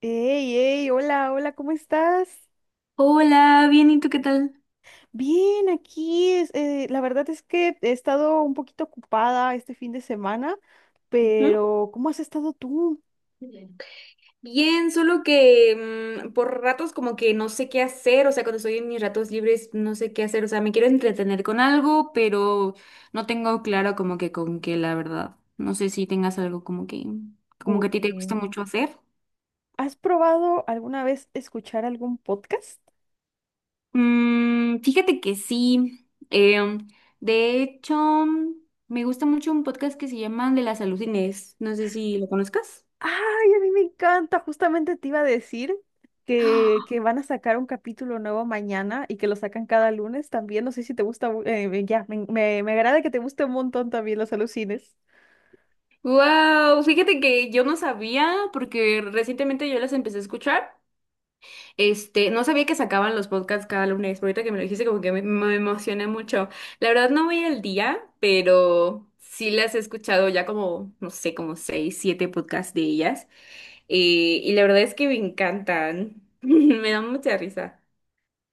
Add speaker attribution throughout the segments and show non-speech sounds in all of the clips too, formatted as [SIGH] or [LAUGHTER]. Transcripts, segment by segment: Speaker 1: Hey, hey, hola, hola, ¿cómo estás?
Speaker 2: Hola, bien, ¿y tú qué tal?
Speaker 1: Bien, aquí, la verdad es que he estado un poquito ocupada este fin de semana,
Speaker 2: Ujú.
Speaker 1: pero ¿cómo has estado tú?
Speaker 2: Bien, bien, solo que por ratos como que no sé qué hacer, o sea, cuando estoy en mis ratos libres no sé qué hacer, o sea, me quiero entretener con algo, pero no tengo claro como que con qué, la verdad. No sé si tengas algo como que a ti te gusta
Speaker 1: Ujú.
Speaker 2: mucho hacer.
Speaker 1: ¿Has probado alguna vez escuchar algún podcast?
Speaker 2: Fíjate que sí. De hecho, me gusta mucho un podcast que se llama De la Salud Inés. No sé si lo conozcas.
Speaker 1: Ay, a mí me encanta, justamente te iba a decir que,
Speaker 2: [GASPS]
Speaker 1: que van a sacar un capítulo nuevo mañana y que lo sacan cada lunes también, no sé si te gusta, ya, me agrada que te guste un montón también los alucines.
Speaker 2: Wow, fíjate que yo no sabía, porque recientemente yo las empecé a escuchar. Este, no sabía que sacaban los podcasts cada lunes, pero ahorita que me lo dijiste, como que me emocioné mucho. La verdad no voy al día, pero sí las he escuchado ya como, no sé, como seis, siete podcasts de ellas. Y la verdad es que me encantan. [LAUGHS] Me dan mucha risa.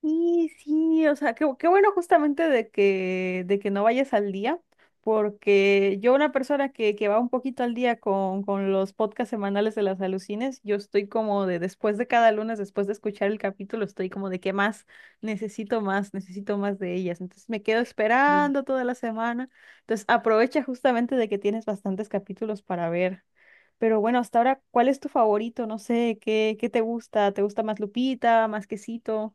Speaker 1: Sí, sí, o sea, qué bueno justamente de que no vayas al día, porque yo una persona que va un poquito al día con los podcasts semanales de las alucines, yo estoy como de después de cada lunes, después de escuchar el capítulo, estoy como de qué más, necesito más, necesito más de ellas. Entonces me quedo
Speaker 2: Sí.
Speaker 1: esperando toda la semana. Entonces aprovecha justamente de que tienes bastantes capítulos para ver. Pero bueno, hasta ahora, ¿cuál es tu favorito? No sé, ¿qué te gusta? ¿Te gusta más Lupita, más Quesito?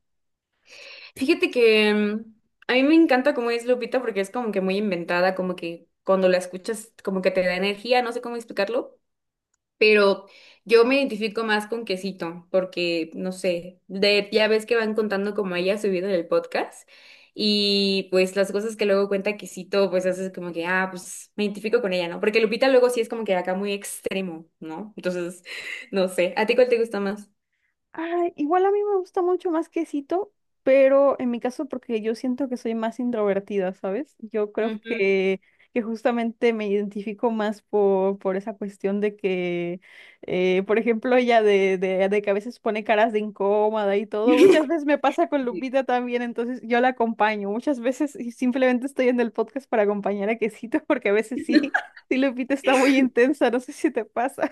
Speaker 2: Fíjate que a mí me encanta cómo es Lupita porque es como que muy inventada, como que cuando la escuchas como que te da energía, no sé cómo explicarlo. Pero yo me identifico más con Quesito, porque no sé, de, ya ves que van contando como ella subido en el podcast, y pues las cosas que luego cuenta Quesito, pues haces como que, ah, pues me identifico con ella, ¿no? Porque Lupita luego sí es como que acá muy extremo, ¿no? Entonces, [LAUGHS] no sé, ¿a ti cuál te gusta más?
Speaker 1: Ay, igual a mí me gusta mucho más Quesito, pero en mi caso porque yo siento que soy más introvertida, ¿sabes? Yo creo que justamente me identifico más por esa cuestión de que, por ejemplo, ella de que a veces pone caras de incómoda y todo. Muchas veces me pasa con
Speaker 2: Ujú.
Speaker 1: Lupita también, entonces yo la acompaño. Muchas veces y simplemente estoy en el podcast para acompañar a Quesito [LAUGHS] porque a veces sí, sí, Lupita está muy intensa, no sé si te pasa.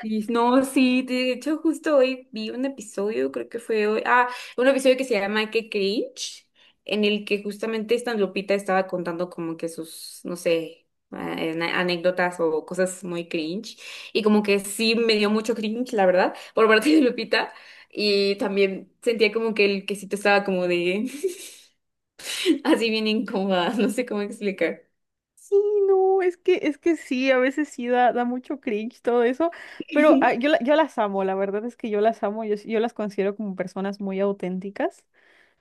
Speaker 2: Y no, sí, de hecho justo hoy vi un episodio, creo que fue hoy, ah, un episodio que se llama Que Cringe, en el que justamente esta Lupita estaba contando como que sus, no sé, anécdotas o cosas muy cringe, y como que sí me dio mucho cringe, la verdad, por parte de Lupita, y también sentía como que el quesito estaba como de, [LAUGHS] así bien incómoda, no sé cómo explicar.
Speaker 1: Sí, no, es que sí, a veces sí da mucho cringe todo eso, pero ah, yo las amo, la verdad es que yo las amo, yo las considero como personas muy auténticas.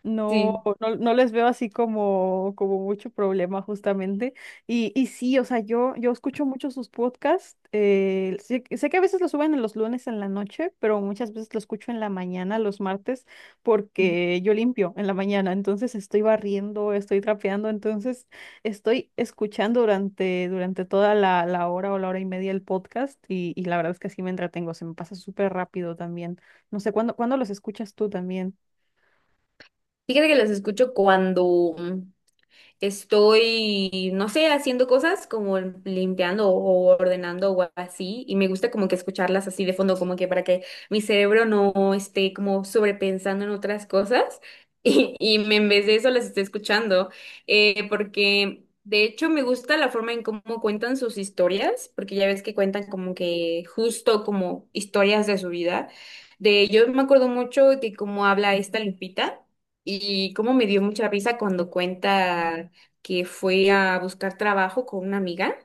Speaker 1: No,
Speaker 2: Sí,
Speaker 1: no, no les veo así como mucho problema justamente. Y sí, o sea, yo escucho mucho sus podcasts. Sé que a veces los suben en los lunes en la noche, pero muchas veces lo escucho en la mañana, los martes, porque yo limpio en la mañana. Entonces estoy barriendo, estoy trapeando, entonces estoy escuchando durante toda la hora o la hora y media el podcast y la verdad es que así me entretengo, se me pasa súper rápido también. No sé, ¿cuándo los escuchas tú también?
Speaker 2: fíjate que los escucho cuando... estoy, no sé, haciendo cosas como limpiando o ordenando o así, y me gusta como que escucharlas así de fondo, como que para que mi cerebro no esté como sobrepensando en otras cosas, [LAUGHS] y en vez de eso las esté escuchando, porque... De hecho, me gusta la forma en cómo cuentan sus historias, porque ya ves que cuentan como que justo como historias de su vida. De yo me acuerdo mucho de cómo habla esta Lupita, y cómo me dio mucha risa cuando cuenta que fue a buscar trabajo con una amiga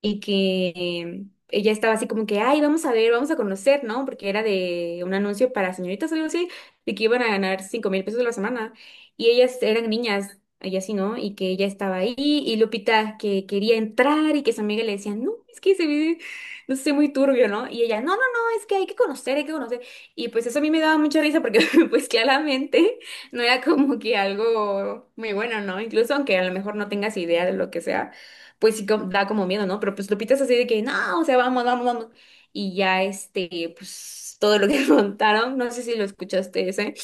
Speaker 2: y que ella estaba así como que, ay, vamos a ver, vamos a conocer, ¿no? Porque era de un anuncio para señoritas, algo así, de que iban a ganar 5,000 pesos a la semana. Y ellas eran niñas, ella sí, ¿no? Y que ella estaba ahí y Lupita que quería entrar y que su amiga le decía, no, es que se ve, no sé, muy turbio, ¿no? Y ella, no, no, no, es que hay que conocer, hay que conocer. Y pues eso a mí me daba mucha risa porque [LAUGHS] pues claramente no era como que algo muy bueno, ¿no? Incluso aunque a lo mejor no tengas idea de lo que sea pues sí da como miedo, ¿no? Pero pues Lupita es así de que, no, o sea, vamos, vamos, vamos. Y ya este, pues todo lo que [LAUGHS] contaron, no sé si lo escuchaste ese,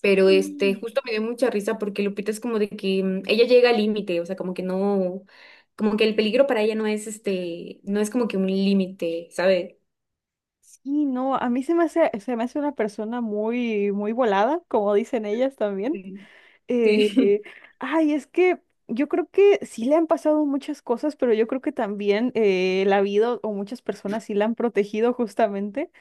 Speaker 2: pero este, justo me dio mucha risa porque Lupita es como de que ella llega al límite, o sea, como que no, como que el peligro para ella no es este, no es como que un límite, ¿sabes?
Speaker 1: Sí, no, a mí se me hace una persona muy, muy volada, como dicen ellas también.
Speaker 2: Sí.
Speaker 1: Eh,
Speaker 2: Sí.
Speaker 1: Ay, es que yo creo que sí le han pasado muchas cosas, pero yo creo que también la vida o muchas personas sí la han protegido justamente.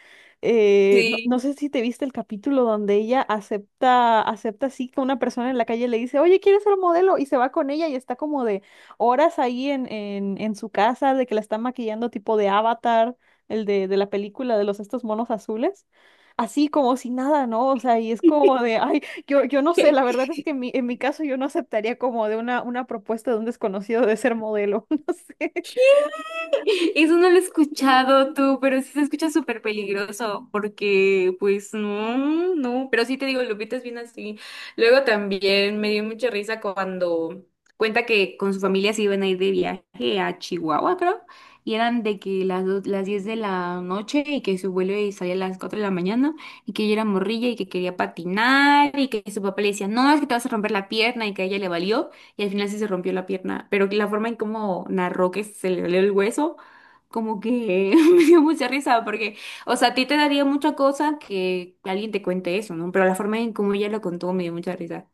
Speaker 1: No, no sé
Speaker 2: [LAUGHS]
Speaker 1: si te viste el capítulo donde ella acepta así que una persona en la calle le dice, oye, ¿quieres ser modelo? Y se va con ella y está como de horas ahí en su casa, de que la están maquillando tipo de Avatar, el de la película de los estos monos azules. Así como si nada, ¿no? O sea, y es como de, ay, yo no sé, la verdad es que en mi caso yo no aceptaría como de una propuesta de un desconocido de ser modelo, [LAUGHS] no sé.
Speaker 2: Sí. [LAUGHS] Eso no lo he escuchado tú, pero sí se escucha súper peligroso, porque pues no, no, pero sí te digo, Lupita es bien así. Luego también me dio mucha risa cuando cuenta que con su familia se iban a ir de viaje a Chihuahua, creo, y eran de que las, do- las 10 de la noche y que su vuelo y salía a las 4 de la mañana y que ella era morrilla y que quería patinar y que su papá le decía, no, es que te vas a romper la pierna y que a ella le valió y al final sí se rompió la pierna, pero la forma en cómo narró que se le valió el hueso como que [LAUGHS] me dio mucha risa porque, o sea, a ti te daría mucha cosa que alguien te cuente eso, ¿no? Pero la forma en cómo ella lo contó me dio mucha risa.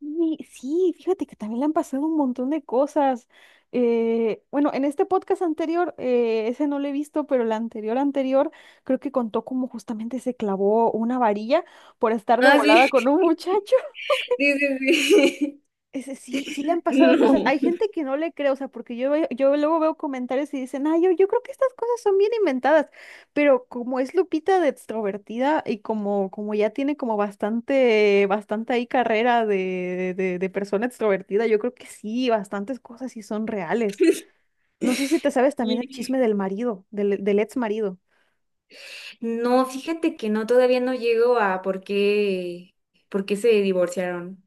Speaker 1: Y sí, fíjate que también le han pasado un montón de cosas. Bueno, en este podcast anterior, ese no lo he visto, pero el anterior anterior creo que contó como justamente se clavó una varilla por estar de
Speaker 2: Ah,
Speaker 1: volada
Speaker 2: sí,
Speaker 1: con
Speaker 2: [LAUGHS]
Speaker 1: un muchacho.
Speaker 2: sí, sí,
Speaker 1: Ese sí, sí le han
Speaker 2: sí. [LAUGHS]
Speaker 1: pasado cosas. Hay
Speaker 2: No.
Speaker 1: gente que no le cree, o sea, porque yo luego veo comentarios y dicen, ah, yo creo que estas cosas son bien inventadas, pero como es Lupita de extrovertida y como ya tiene como bastante, bastante ahí carrera de persona extrovertida, yo creo que sí, bastantes cosas sí son reales. No sé si te sabes también el
Speaker 2: Y-
Speaker 1: chisme del marido, del ex marido.
Speaker 2: No, fíjate que no, todavía no llego a por qué se divorciaron.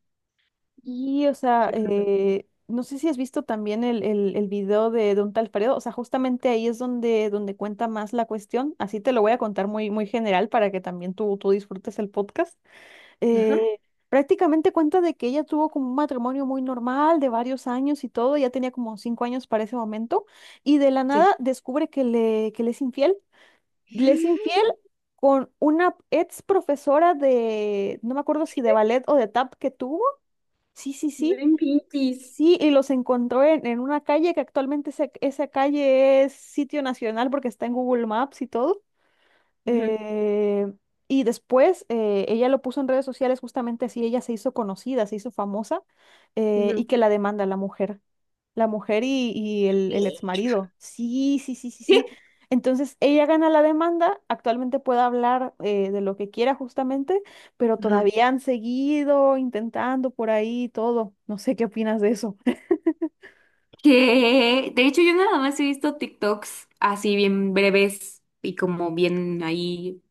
Speaker 1: Y, o sea,
Speaker 2: ¿Qué pasó?
Speaker 1: no sé si has visto también el video de un tal Fredo, o sea, justamente ahí es donde cuenta más la cuestión, así te lo voy a contar muy, muy general para que también tú disfrutes el podcast.
Speaker 2: Ajá.
Speaker 1: Eh, Prácticamente cuenta de que ella tuvo como un matrimonio muy normal de varios años y todo, ya tenía como 5 años para ese momento, y de la
Speaker 2: Sí.
Speaker 1: nada descubre que le es infiel, le es infiel
Speaker 2: [GASPS]
Speaker 1: con una ex profesora de, no me acuerdo si de ballet o de tap que tuvo. Sí, sí, sí.
Speaker 2: No inventes.
Speaker 1: Sí, y los encontró en una calle que actualmente esa calle es sitio nacional porque está en Google Maps y todo.
Speaker 2: Ujú,
Speaker 1: Eh, y después ella lo puso en redes sociales justamente así, ella se hizo conocida, se hizo famosa, y
Speaker 2: ujú.
Speaker 1: que la demanda la mujer y el ex
Speaker 2: Bien.
Speaker 1: marido. Sí, sí, sí, sí, sí. Entonces ella gana la demanda, actualmente puede hablar de lo que quiera justamente, pero
Speaker 2: [LAUGHS]
Speaker 1: todavía han seguido intentando por ahí y todo. No sé qué opinas de eso.
Speaker 2: Que de hecho yo nada más he visto TikToks así bien breves y como bien ahí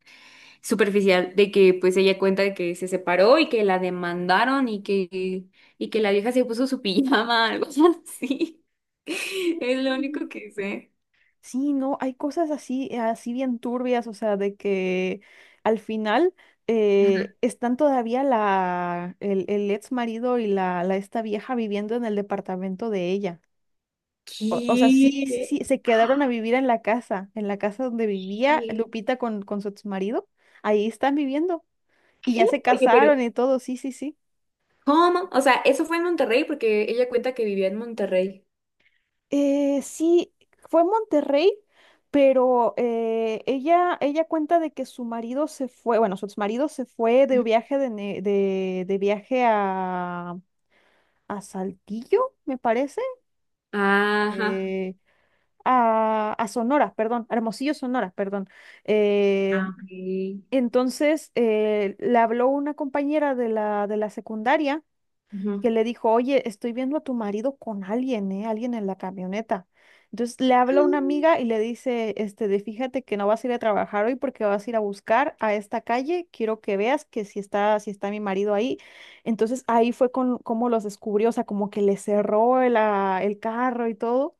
Speaker 2: superficial de que pues ella cuenta de que se separó y que la demandaron y que la vieja se puso su [LAUGHS] pijama, algo así. [LAUGHS] Es lo único que sé.
Speaker 1: Sí, no, hay cosas así, así bien turbias, o sea, de que al final
Speaker 2: Ajá.
Speaker 1: están todavía el ex marido y la esta vieja viviendo en el departamento de ella. O sea, sí, sí,
Speaker 2: ¿Qué?
Speaker 1: sí, se quedaron a vivir en la casa donde vivía
Speaker 2: ¿Qué?
Speaker 1: Lupita con su ex marido. Ahí están viviendo. Y ya
Speaker 2: ¿Qué?
Speaker 1: se
Speaker 2: Oye, pero
Speaker 1: casaron y todo, sí, sí, sí.
Speaker 2: ¿cómo? O sea, eso fue en Monterrey porque ella cuenta que vivía en Monterrey.
Speaker 1: Sí, fue en Monterrey, pero ella cuenta de que su marido se fue, bueno, su exmarido se fue de viaje de viaje a Saltillo, me parece,
Speaker 2: Ajá.
Speaker 1: eh, a Sonora, perdón, a Hermosillo, Sonora, perdón. Eh,
Speaker 2: Ah, ok.
Speaker 1: entonces, le habló una compañera de la secundaria que
Speaker 2: Ujú.
Speaker 1: le dijo, oye, estoy viendo a tu marido con alguien, ¿eh? Alguien en la camioneta. Entonces le habla una amiga
Speaker 2: [GASPS]
Speaker 1: y le dice, este, de fíjate que no vas a ir a trabajar hoy porque vas a ir a buscar a esta calle, quiero que veas que si está mi marido ahí. Entonces ahí fue como los descubrió, o sea, como que le cerró el carro y todo,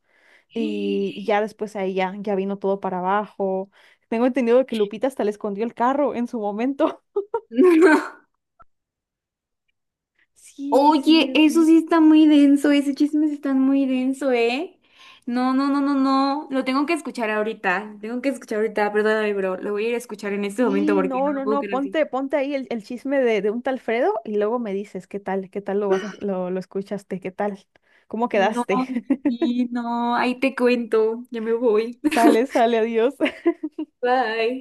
Speaker 1: y ya
Speaker 2: Ah.
Speaker 1: después ahí ya vino todo para abajo. Tengo entendido que Lupita hasta le escondió el carro en su momento. [LAUGHS]
Speaker 2: [LAUGHS] No,
Speaker 1: Sí,
Speaker 2: oye,
Speaker 1: sí,
Speaker 2: eso
Speaker 1: sí.
Speaker 2: sí está muy denso, ese chisme sí está muy denso, ¿eh? No, no, no, no, no, lo tengo que escuchar ahorita, lo tengo que escuchar ahorita, perdóname, bro, lo voy a ir a escuchar en este momento
Speaker 1: Sí,
Speaker 2: porque no
Speaker 1: no,
Speaker 2: me
Speaker 1: no,
Speaker 2: puedo
Speaker 1: no,
Speaker 2: quedar así.
Speaker 1: ponte ahí el chisme de un tal Fredo y luego me dices qué tal lo vas a- lo escuchaste, qué tal, cómo
Speaker 2: No,
Speaker 1: quedaste. [LAUGHS]
Speaker 2: sí, no, ahí te cuento, ya me voy.
Speaker 1: Sale,
Speaker 2: [LAUGHS]
Speaker 1: sale, adiós.
Speaker 2: Bye.